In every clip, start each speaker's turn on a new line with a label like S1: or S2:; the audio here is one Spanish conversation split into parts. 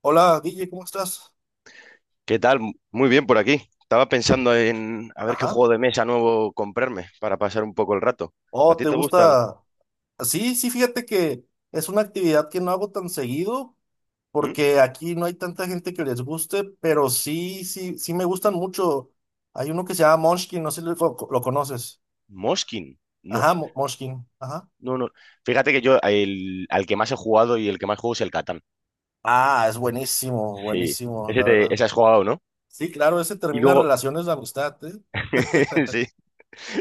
S1: Hola, Guille, ¿cómo estás?
S2: ¿Qué tal? Muy bien por aquí. Estaba pensando en a ver qué
S1: Ajá.
S2: juego de mesa nuevo comprarme para pasar un poco el rato. ¿A
S1: Oh,
S2: ti
S1: ¿te
S2: te gustan?
S1: gusta? Sí, sí, fíjate que es una actividad que no hago tan seguido
S2: ¿Mm?
S1: porque aquí no hay tanta gente que les guste, pero sí, sí, sí me gustan mucho. Hay uno que se llama Munchkin, no sé si lo conoces.
S2: ¿Moskin? No,
S1: Ajá, Munchkin. Ajá.
S2: no, no. Fíjate que yo al que más he jugado y el que más juego es el Catán.
S1: Ah, es buenísimo,
S2: Sí,
S1: buenísimo,
S2: ese,
S1: la
S2: te,
S1: verdad.
S2: ese has jugado, ¿no?
S1: Sí, claro, ese
S2: Y
S1: termina
S2: luego,
S1: relaciones de amistad, ¿eh?
S2: sí,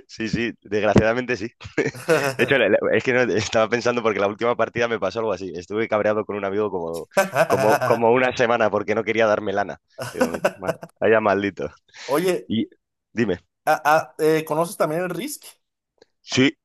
S2: sí, sí, desgraciadamente sí. De hecho, es que no, estaba pensando porque la última partida me pasó algo así. Estuve cabreado con un amigo como una semana porque no quería darme lana. Digo, Vaya maldito.
S1: Oye,
S2: Y dime.
S1: ¿conoces también el Risk?
S2: Sí,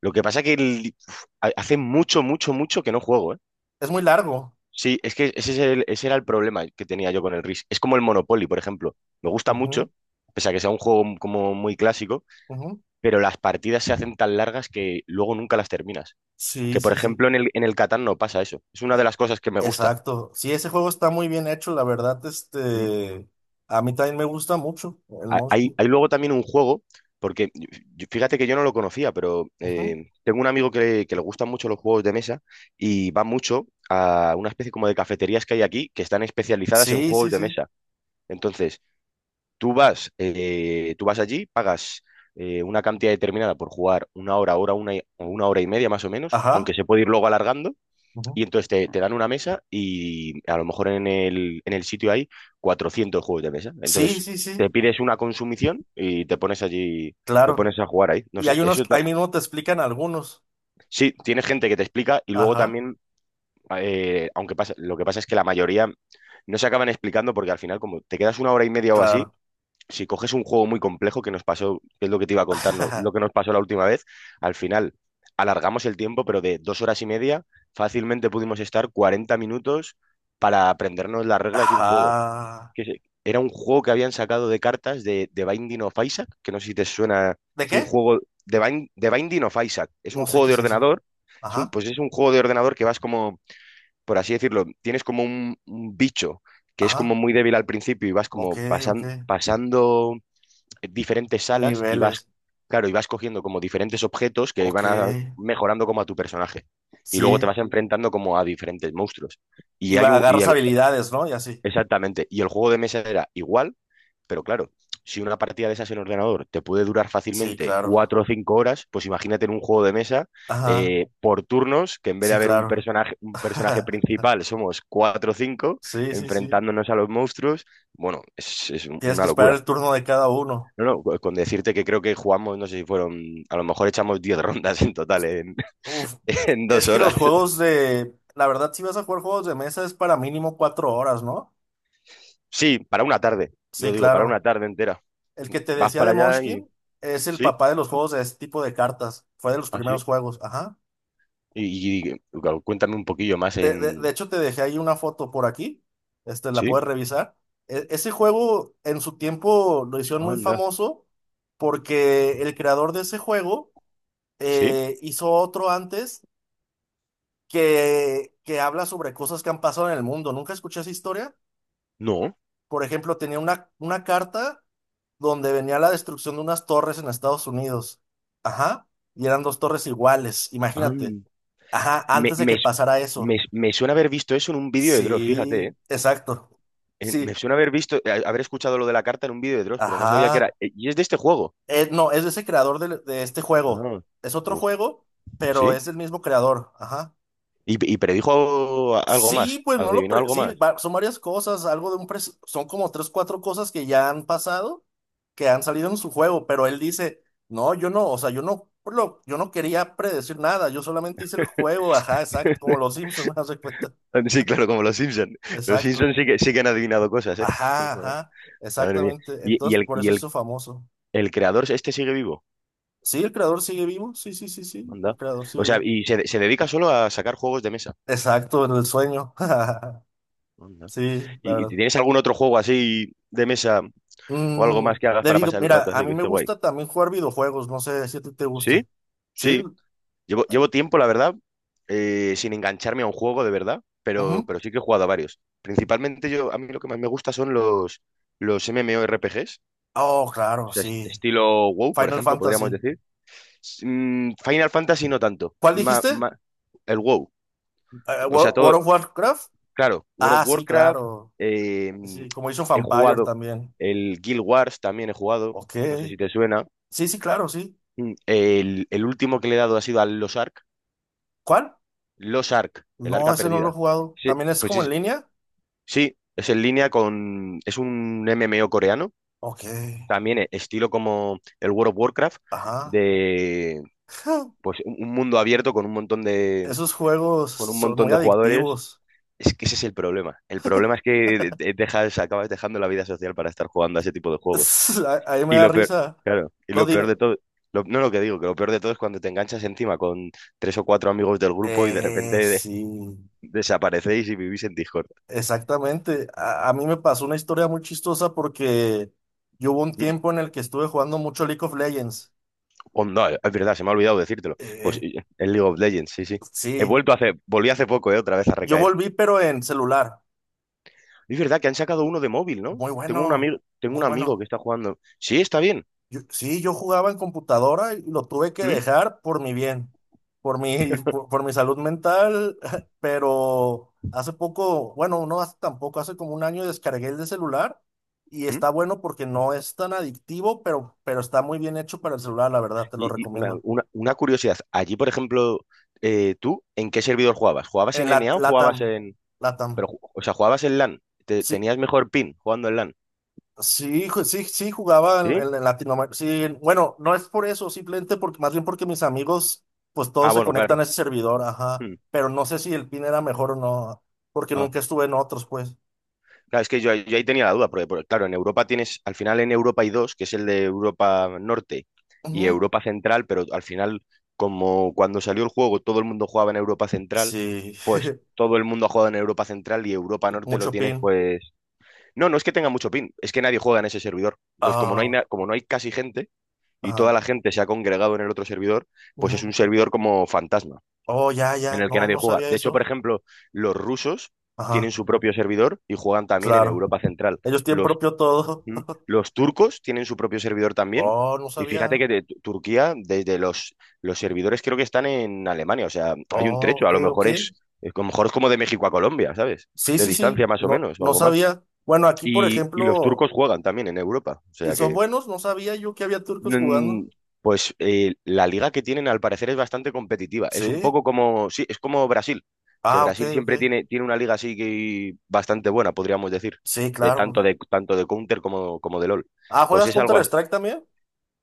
S2: lo que pasa que hace mucho, mucho, mucho que no juego, ¿eh?
S1: Es muy largo.
S2: Sí, es que ese, ese era el problema que tenía yo con el Risk. Es como el Monopoly, por ejemplo. Me gusta
S1: Ujú,
S2: mucho, pese a que sea un juego como muy clásico,
S1: ujú.
S2: pero las partidas se hacen tan largas que luego nunca las terminas.
S1: Sí,
S2: Que, por
S1: sí, sí.
S2: ejemplo, en el Catán no pasa eso. Es una de las cosas que me gusta.
S1: Exacto. Sí, ese juego está muy bien hecho, la verdad,
S2: Mm.
S1: a mí también me gusta mucho el
S2: Hay,
S1: Monkey.
S2: hay luego también un juego, porque fíjate que yo no lo conocía, pero
S1: Ujú.
S2: tengo un amigo que le gustan mucho los juegos de mesa y va mucho a una especie como de cafeterías que hay aquí que están especializadas en
S1: Sí,
S2: juegos
S1: sí,
S2: de
S1: sí.
S2: mesa. Entonces, tú vas allí, pagas una cantidad determinada por jugar una hora o una hora y media más o menos, aunque
S1: Ajá.
S2: se puede ir luego alargando.
S1: Ujú.
S2: Y entonces te dan una mesa y a lo mejor en el sitio hay 400 juegos de mesa.
S1: Sí,
S2: Entonces
S1: sí,
S2: te
S1: sí.
S2: pides una consumición y te pones allí, te
S1: Claro.
S2: pones a jugar ahí. No
S1: Y
S2: sé,
S1: hay unos, ahí mismo te explican algunos.
S2: sí, tiene gente que te explica y luego
S1: Ajá.
S2: también, aunque pasa, lo que pasa es que la mayoría no se acaban explicando porque al final como te quedas una hora y media o así
S1: Claro.
S2: si coges un juego muy complejo que nos pasó, que es lo que te iba a contar, lo que nos pasó la última vez, al final alargamos el tiempo, pero de 2 horas y media fácilmente pudimos estar 40 minutos para aprendernos las reglas de un juego.
S1: Ajá.
S2: Era un juego que habían sacado de cartas de Binding of Isaac, que no sé si te suena,
S1: ¿De
S2: es un
S1: qué?
S2: juego de Binding of Isaac, es
S1: No
S2: un
S1: sé
S2: juego
S1: qué
S2: de
S1: es eso.
S2: ordenador,
S1: Ajá.
S2: pues es un juego de ordenador que vas como, por así decirlo, tienes como un bicho que es como
S1: Ajá.
S2: muy débil al principio y vas
S1: Ok,
S2: como
S1: ok.
S2: pasando diferentes salas y vas,
S1: Niveles.
S2: claro, y vas cogiendo como diferentes objetos que
S1: Ok.
S2: van mejorando como a tu personaje. Y luego te
S1: Sí.
S2: vas enfrentando como a diferentes monstruos. Y
S1: Y
S2: hay un, y
S1: agarras
S2: el-
S1: habilidades, ¿no? Y así.
S2: exactamente, y el juego de mesa era igual, pero claro, si una partida de esas en ordenador te puede durar
S1: Sí,
S2: fácilmente
S1: claro.
S2: 4 o 5 horas, pues imagínate en un juego de mesa
S1: Ajá.
S2: por turnos, que en vez de
S1: Sí,
S2: haber
S1: claro.
S2: un personaje principal, somos cuatro o cinco,
S1: Sí, sí, sí.
S2: enfrentándonos a los monstruos. Bueno, es
S1: Tienes
S2: una
S1: que esperar
S2: locura.
S1: el turno de cada uno.
S2: No, no, con decirte que creo que jugamos, no sé si fueron, a lo mejor echamos 10 rondas en total en,
S1: Uf,
S2: en
S1: es
S2: dos
S1: que
S2: horas.
S1: los juegos de... La verdad, si vas a jugar juegos de mesa es para mínimo cuatro horas, ¿no?
S2: Sí, para una tarde,
S1: Sí,
S2: yo digo, para una
S1: claro.
S2: tarde entera.
S1: El que te
S2: Vas
S1: decía
S2: para
S1: de
S2: allá y...
S1: Munchkin es el
S2: Sí,
S1: papá de los juegos de este tipo de cartas. Fue de los
S2: así.
S1: primeros juegos, ajá.
S2: Claro, cuéntame un poquillo más
S1: De
S2: en...
S1: hecho, te dejé ahí una foto por aquí. La
S2: Sí,
S1: puedes revisar. Ese juego en su tiempo lo hicieron muy
S2: anda.
S1: famoso porque el creador de ese juego
S2: Sí,
S1: hizo otro antes que habla sobre cosas que han pasado en el mundo. ¿Nunca escuché esa historia?
S2: no.
S1: Por ejemplo, tenía una carta donde venía la destrucción de unas torres en Estados Unidos. Ajá. Y eran dos torres iguales, imagínate.
S2: an-
S1: Ajá,
S2: Me,
S1: antes de
S2: me,
S1: que pasara
S2: me,
S1: eso.
S2: me suena haber visto eso en un vídeo de Dross, fíjate,
S1: Sí,
S2: ¿eh?
S1: exacto.
S2: Me
S1: Sí,
S2: suena haber visto, haber escuchado lo de la carta en un vídeo de Dross, pero no sabía que era...
S1: ajá.
S2: eh, Y es de este juego.
S1: No, es de ese creador de este juego.
S2: Ah,
S1: Es otro
S2: pues,
S1: juego, pero
S2: ¿sí?
S1: es el mismo creador. Ajá.
S2: Y predijo algo
S1: Sí,
S2: más,
S1: pues no lo...
S2: adivinó algo
S1: sí,
S2: más.
S1: son varias cosas, algo de un... Son como tres, cuatro cosas que ya han pasado, que han salido en su juego, pero él dice, no, yo no, o sea, yo no, yo no quería predecir nada, yo solamente hice el juego, ajá, exacto, como los Simpsons, ¿no se cuenta?
S2: Sí, claro, como los Simpson. Los
S1: Exacto,
S2: Simpson sí que han adivinado cosas, ¿eh?
S1: ajá, ajá,
S2: Madre mía.
S1: exactamente,
S2: Y, y
S1: entonces
S2: el,
S1: por
S2: y
S1: eso
S2: el,
S1: hizo famoso.
S2: el creador este sigue vivo.
S1: Sí, el creador sigue vivo, sí, sí, sí, sí, el
S2: Anda.
S1: creador
S2: O
S1: sigue
S2: sea,
S1: vivo.
S2: y se dedica solo a sacar juegos de mesa.
S1: Exacto, en el sueño,
S2: Anda.
S1: sí, la
S2: ¿Y si
S1: verdad.
S2: tienes algún otro juego así de mesa o algo más que hagas para pasar el
S1: Mira,
S2: rato
S1: a
S2: así
S1: mí
S2: que
S1: me
S2: esté guay?
S1: gusta también jugar videojuegos, no sé si a ti te
S2: ¿Sí?
S1: guste. ¿Sí?
S2: Sí. Llevo,
S1: Ju-
S2: llevo tiempo, la verdad, sin engancharme a un juego de verdad, pero,
S1: ujú.
S2: pero sí que he jugado a varios. Principalmente yo, a mí lo que más me gusta son los MMORPGs,
S1: Oh,
S2: o
S1: claro,
S2: sea,
S1: sí.
S2: estilo WoW, por
S1: Final
S2: ejemplo, podríamos
S1: Fantasy.
S2: decir. Final Fantasy no tanto,
S1: ¿Cuál dijiste?
S2: el WoW, o sea, todo,
S1: World of Warcraft.
S2: claro, World of
S1: Ah, sí,
S2: Warcraft,
S1: claro.
S2: eh, mm,
S1: Sí, como hizo
S2: he
S1: Vampire
S2: jugado
S1: también.
S2: el Guild Wars, también he jugado,
S1: Ok.
S2: no sé si te suena.
S1: Sí, sí, claro, sí.
S2: El último que le he dado ha sido al Los Ark,
S1: ¿Cuál?
S2: Los Ark, el
S1: No,
S2: Arca
S1: ese no lo he
S2: Perdida.
S1: jugado.
S2: Sí,
S1: ¿También es como en línea?
S2: Es en línea con... Es un MMO coreano,
S1: Ok.
S2: también estilo como el World of Warcraft,
S1: Ajá.
S2: de pues un mundo abierto con un montón de,
S1: Esos juegos
S2: con un
S1: son
S2: montón
S1: muy
S2: de jugadores.
S1: adictivos.
S2: Es que ese es el problema. El problema es que acabas dejando la vida social para estar jugando a ese tipo de juegos.
S1: Ahí me
S2: Y
S1: da
S2: lo peor,
S1: risa.
S2: claro, y
S1: No,
S2: lo peor
S1: dime.
S2: de todo, no lo que digo, que lo peor de todo es cuando te enganchas encima con tres o cuatro amigos del grupo y de repente
S1: Sí.
S2: desaparecéis y vivís en Discord.
S1: Exactamente. A mí me pasó una historia muy chistosa porque yo hubo un tiempo en el que estuve jugando mucho League of Legends.
S2: Onda, es verdad, se me ha olvidado decírtelo.
S1: Eh,
S2: Pues
S1: eh,
S2: es League of Legends, sí, sí. He
S1: sí,
S2: vuelto hace, volví hace poco, otra vez a
S1: yo
S2: recaer.
S1: volví pero en celular.
S2: Es verdad que han sacado uno de móvil, ¿no?
S1: Muy
S2: Tengo un
S1: bueno,
S2: amigo, tengo
S1: muy
S2: un amigo que
S1: bueno.
S2: está jugando. Sí, está bien.
S1: Sí, yo jugaba en computadora y lo tuve que
S2: ¿Mm?
S1: dejar por mi bien, por mi salud mental, pero hace poco, bueno, no hace tampoco, hace como un año descargué el de celular y
S2: ¿Mm?
S1: está bueno porque no es tan adictivo, pero está muy bien hecho para el celular, la verdad, te lo
S2: Y una,
S1: recomiendo.
S2: una- una curiosidad. Allí, por ejemplo, ¿tú en qué servidor jugabas? ¿Jugabas
S1: En
S2: en N
S1: la,
S2: NA o
S1: Latam,
S2: jugabas en...?
S1: Latam.
S2: Pero, o sea, ¿jugabas en LAN?
S1: Sí,
S2: ¿Tenías mejor pin jugando en LAN?
S1: sí, sí, sí, jugaba en,
S2: ¿Sí?
S1: en Latinoamérica. Sí, bueno, no es por eso, simplemente porque, más bien porque mis amigos, pues
S2: Ah,
S1: todos se
S2: bueno,
S1: conectan a
S2: claro.
S1: ese servidor, ajá.
S2: Mm.
S1: Pero no sé si el PIN era mejor o no, porque nunca estuve en otros, pues.
S2: Claro, es que yo ahí tenía la duda, porque, claro, en Europa tienes, al final en Europa hay dos, que es el de Europa Norte y
S1: Ujú.
S2: Europa Central, pero al final, como cuando salió el juego todo el mundo jugaba en Europa Central,
S1: Sí,
S2: pues todo el mundo ha jugado en Europa Central y Europa Norte lo
S1: mucho
S2: tienes,
S1: PIN.
S2: pues... No, no es que tenga mucho pin, es que nadie juega en ese servidor. Entonces, como no hay,
S1: Ah,
S2: na- como no hay casi gente y toda
S1: ajá.
S2: la gente se ha congregado en el otro servidor, pues es
S1: Ujú.
S2: un servidor como fantasma
S1: Oh, ya,
S2: en
S1: ya.
S2: el que
S1: No,
S2: nadie
S1: no
S2: juega.
S1: sabía
S2: De hecho, por
S1: eso.
S2: ejemplo, los rusos tienen
S1: Ajá,
S2: su propio servidor y juegan también en
S1: claro.
S2: Europa Central.
S1: Ellos tienen
S2: Los,
S1: propio todo.
S2: mm, los turcos tienen su propio servidor también.
S1: Oh, no
S2: Y fíjate
S1: sabía.
S2: que de Turquía, desde los servidores creo que están en Alemania. O sea, hay un
S1: Oh,
S2: trecho. A
S1: ok,
S2: lo
S1: ok.
S2: mejor es- a lo mejor es como de México a Colombia, ¿sabes?
S1: Sí,
S2: De
S1: sí, sí.
S2: distancia más o
S1: No,
S2: menos, o
S1: no
S2: algo más.
S1: sabía. Bueno, aquí, por
S2: Y los
S1: ejemplo.
S2: turcos juegan también en Europa. O
S1: ¿Y
S2: sea
S1: son
S2: que
S1: buenos? No sabía yo que había turcos jugando.
S2: Mm, Pues, la liga que tienen al parecer es bastante competitiva. Es un
S1: Sí.
S2: poco como, sí, es como Brasil, que
S1: Ah, ok,
S2: Brasil siempre
S1: ok.
S2: tiene, una liga así que bastante buena, podríamos decir,
S1: Sí,
S2: de tanto
S1: claro.
S2: de tanto de Counter como de LOL.
S1: Ah,
S2: Pues
S1: ¿juegas
S2: es algo así.
S1: Counter-Strike también?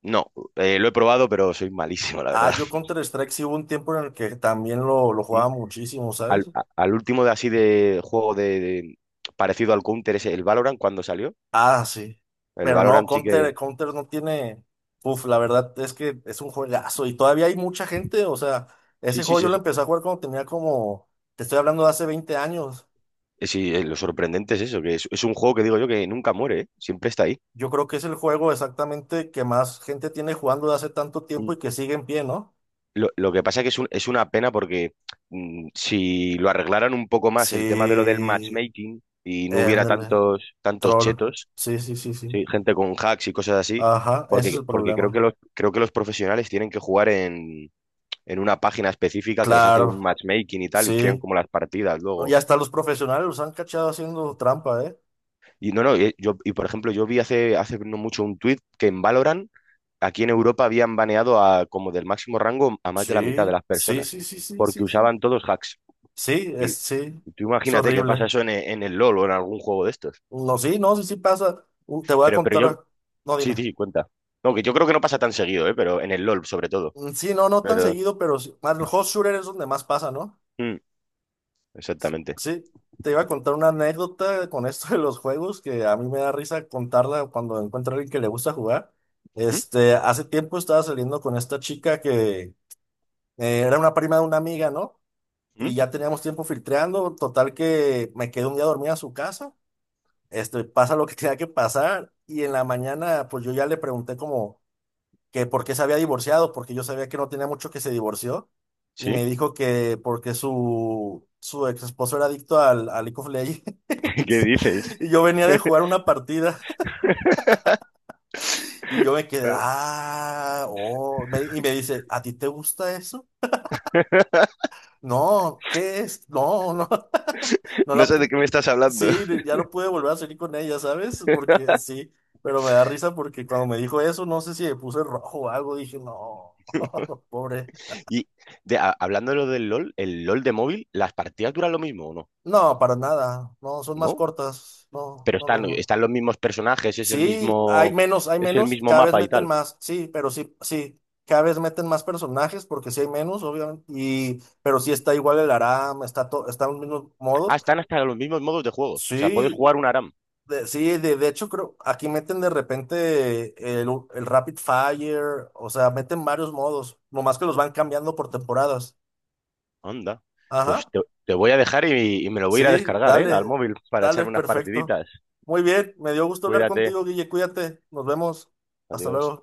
S2: No, lo he probado, pero soy malísimo, la
S1: Ah,
S2: verdad.
S1: yo Counter-Strike sí hubo un tiempo en el que también lo
S2: Mm.
S1: jugaba muchísimo, ¿sabes?
S2: Al último de así de juego parecido al Counter es el Valorant cuando salió.
S1: Ah, sí.
S2: El
S1: Pero no,
S2: Valorant sí que.
S1: Counter no tiene. Uf, la verdad es que es un juegazo y todavía hay mucha gente. O sea,
S2: Sí,
S1: ese
S2: sí,
S1: juego
S2: sí,
S1: yo lo empecé a jugar cuando tenía como. Te estoy hablando de hace 20 años.
S2: sí, lo sorprendente es eso, que es un juego que digo yo que nunca muere, ¿eh? Siempre está ahí.
S1: Yo creo que es el juego exactamente que más gente tiene jugando de hace tanto tiempo
S2: Mm,
S1: y que sigue en pie, ¿no?
S2: lo que pasa es que es una pena porque si lo arreglaran un poco más el tema de lo del
S1: Sí,
S2: matchmaking y no hubiera
S1: ándale,
S2: tantos
S1: troll.
S2: chetos,
S1: Sí, sí, sí, sí.
S2: sí, gente con hacks y cosas así,
S1: Ajá, ese es
S2: porque,
S1: el
S2: porque creo que
S1: problema.
S2: creo que los profesionales tienen que jugar en una página específica que les hace un
S1: Claro,
S2: matchmaking y tal y crean
S1: sí.
S2: como las partidas
S1: No,
S2: luego.
S1: ya hasta los profesionales los han cachado haciendo trampa, ¿eh?
S2: Y no, no, y por ejemplo, yo vi hace no mucho un tuit que en Valorant aquí en Europa habían baneado a como del máximo rango a más de la mitad de
S1: Sí,
S2: las
S1: sí,
S2: personas
S1: sí, sí, sí,
S2: porque
S1: sí, sí.
S2: usaban todos hacks. Y,
S1: Sí,
S2: y tú
S1: es
S2: imagínate que pasa
S1: horrible.
S2: eso en, en el LOL o en algún juego de estos.
S1: No, sí, no, sí, sí pasa. Te voy a
S2: Pero yo,
S1: contar. No,
S2: sí,
S1: dime.
S2: sí, cuenta. No, que yo creo que no pasa tan seguido, ¿eh? Pero en el LOL sobre todo.
S1: Mm, sí, no, no tan
S2: Pero,
S1: seguido, pero sí. Más el hot shooter es donde más pasa, ¿no?
S2: mm, exactamente.
S1: Sí, te iba a contar una anécdota con esto de los juegos que a mí me da risa contarla cuando encuentro a alguien que le gusta jugar.
S2: ¿Mm?
S1: Hace tiempo estaba saliendo con esta chica que era una prima de una amiga, ¿no?
S2: ¿Mm?
S1: Y ya teníamos tiempo filtreando, total que me quedé un día dormida a su casa. Pasa lo que tenía que pasar y en la mañana pues yo ya le pregunté como que por qué se había divorciado, porque yo sabía que no tenía mucho que se divorció, y
S2: ¿Sí?
S1: me dijo que porque su ex esposo era adicto al League of Legends,
S2: ¿Qué dices?
S1: y yo venía de jugar una partida, y yo me quedé, ah, oh, y me dice, ¿a ti te gusta eso? No, ¿qué es? No, no, no
S2: No
S1: la...
S2: sé de
S1: pu-
S2: qué me estás hablando.
S1: Sí, ya no pude volver a salir con ella, ¿sabes? Porque sí, pero me da risa porque cuando me dijo eso, no sé si me puse rojo o algo, dije, no, pobre.
S2: Y hablando de lo del LOL, el LOL de móvil, ¿las partidas duran lo mismo o no?
S1: No, para nada. No, son más
S2: ¿No?
S1: cortas. No,
S2: Pero
S1: no, no,
S2: están,
S1: no.
S2: están los mismos personajes, es el
S1: Sí,
S2: mismo,
S1: hay
S2: es el
S1: menos,
S2: mismo
S1: cada vez
S2: mapa y
S1: meten
S2: tal.
S1: más, sí, pero sí, sí, cada vez meten más personajes porque sí hay menos, obviamente, y, pero sí está igual el Aram, está todo, están los mismos
S2: Ah,
S1: modos.
S2: están hasta los mismos modos de juego. O sea, puedes
S1: Sí,
S2: jugar una.
S1: sí, de hecho creo, aquí meten de repente el Rapid Fire, o sea, meten varios modos, nomás que los van cambiando por temporadas.
S2: Anda. Pues
S1: Ajá.
S2: te voy a dejar y me lo voy a ir a
S1: Sí,
S2: descargar, ¿eh? Al
S1: dale,
S2: móvil para
S1: dale,
S2: echarme unas
S1: perfecto.
S2: partiditas.
S1: Muy bien, me dio gusto hablar
S2: Cuídate.
S1: contigo, Guille, cuídate, nos vemos, hasta luego.
S2: Adiós.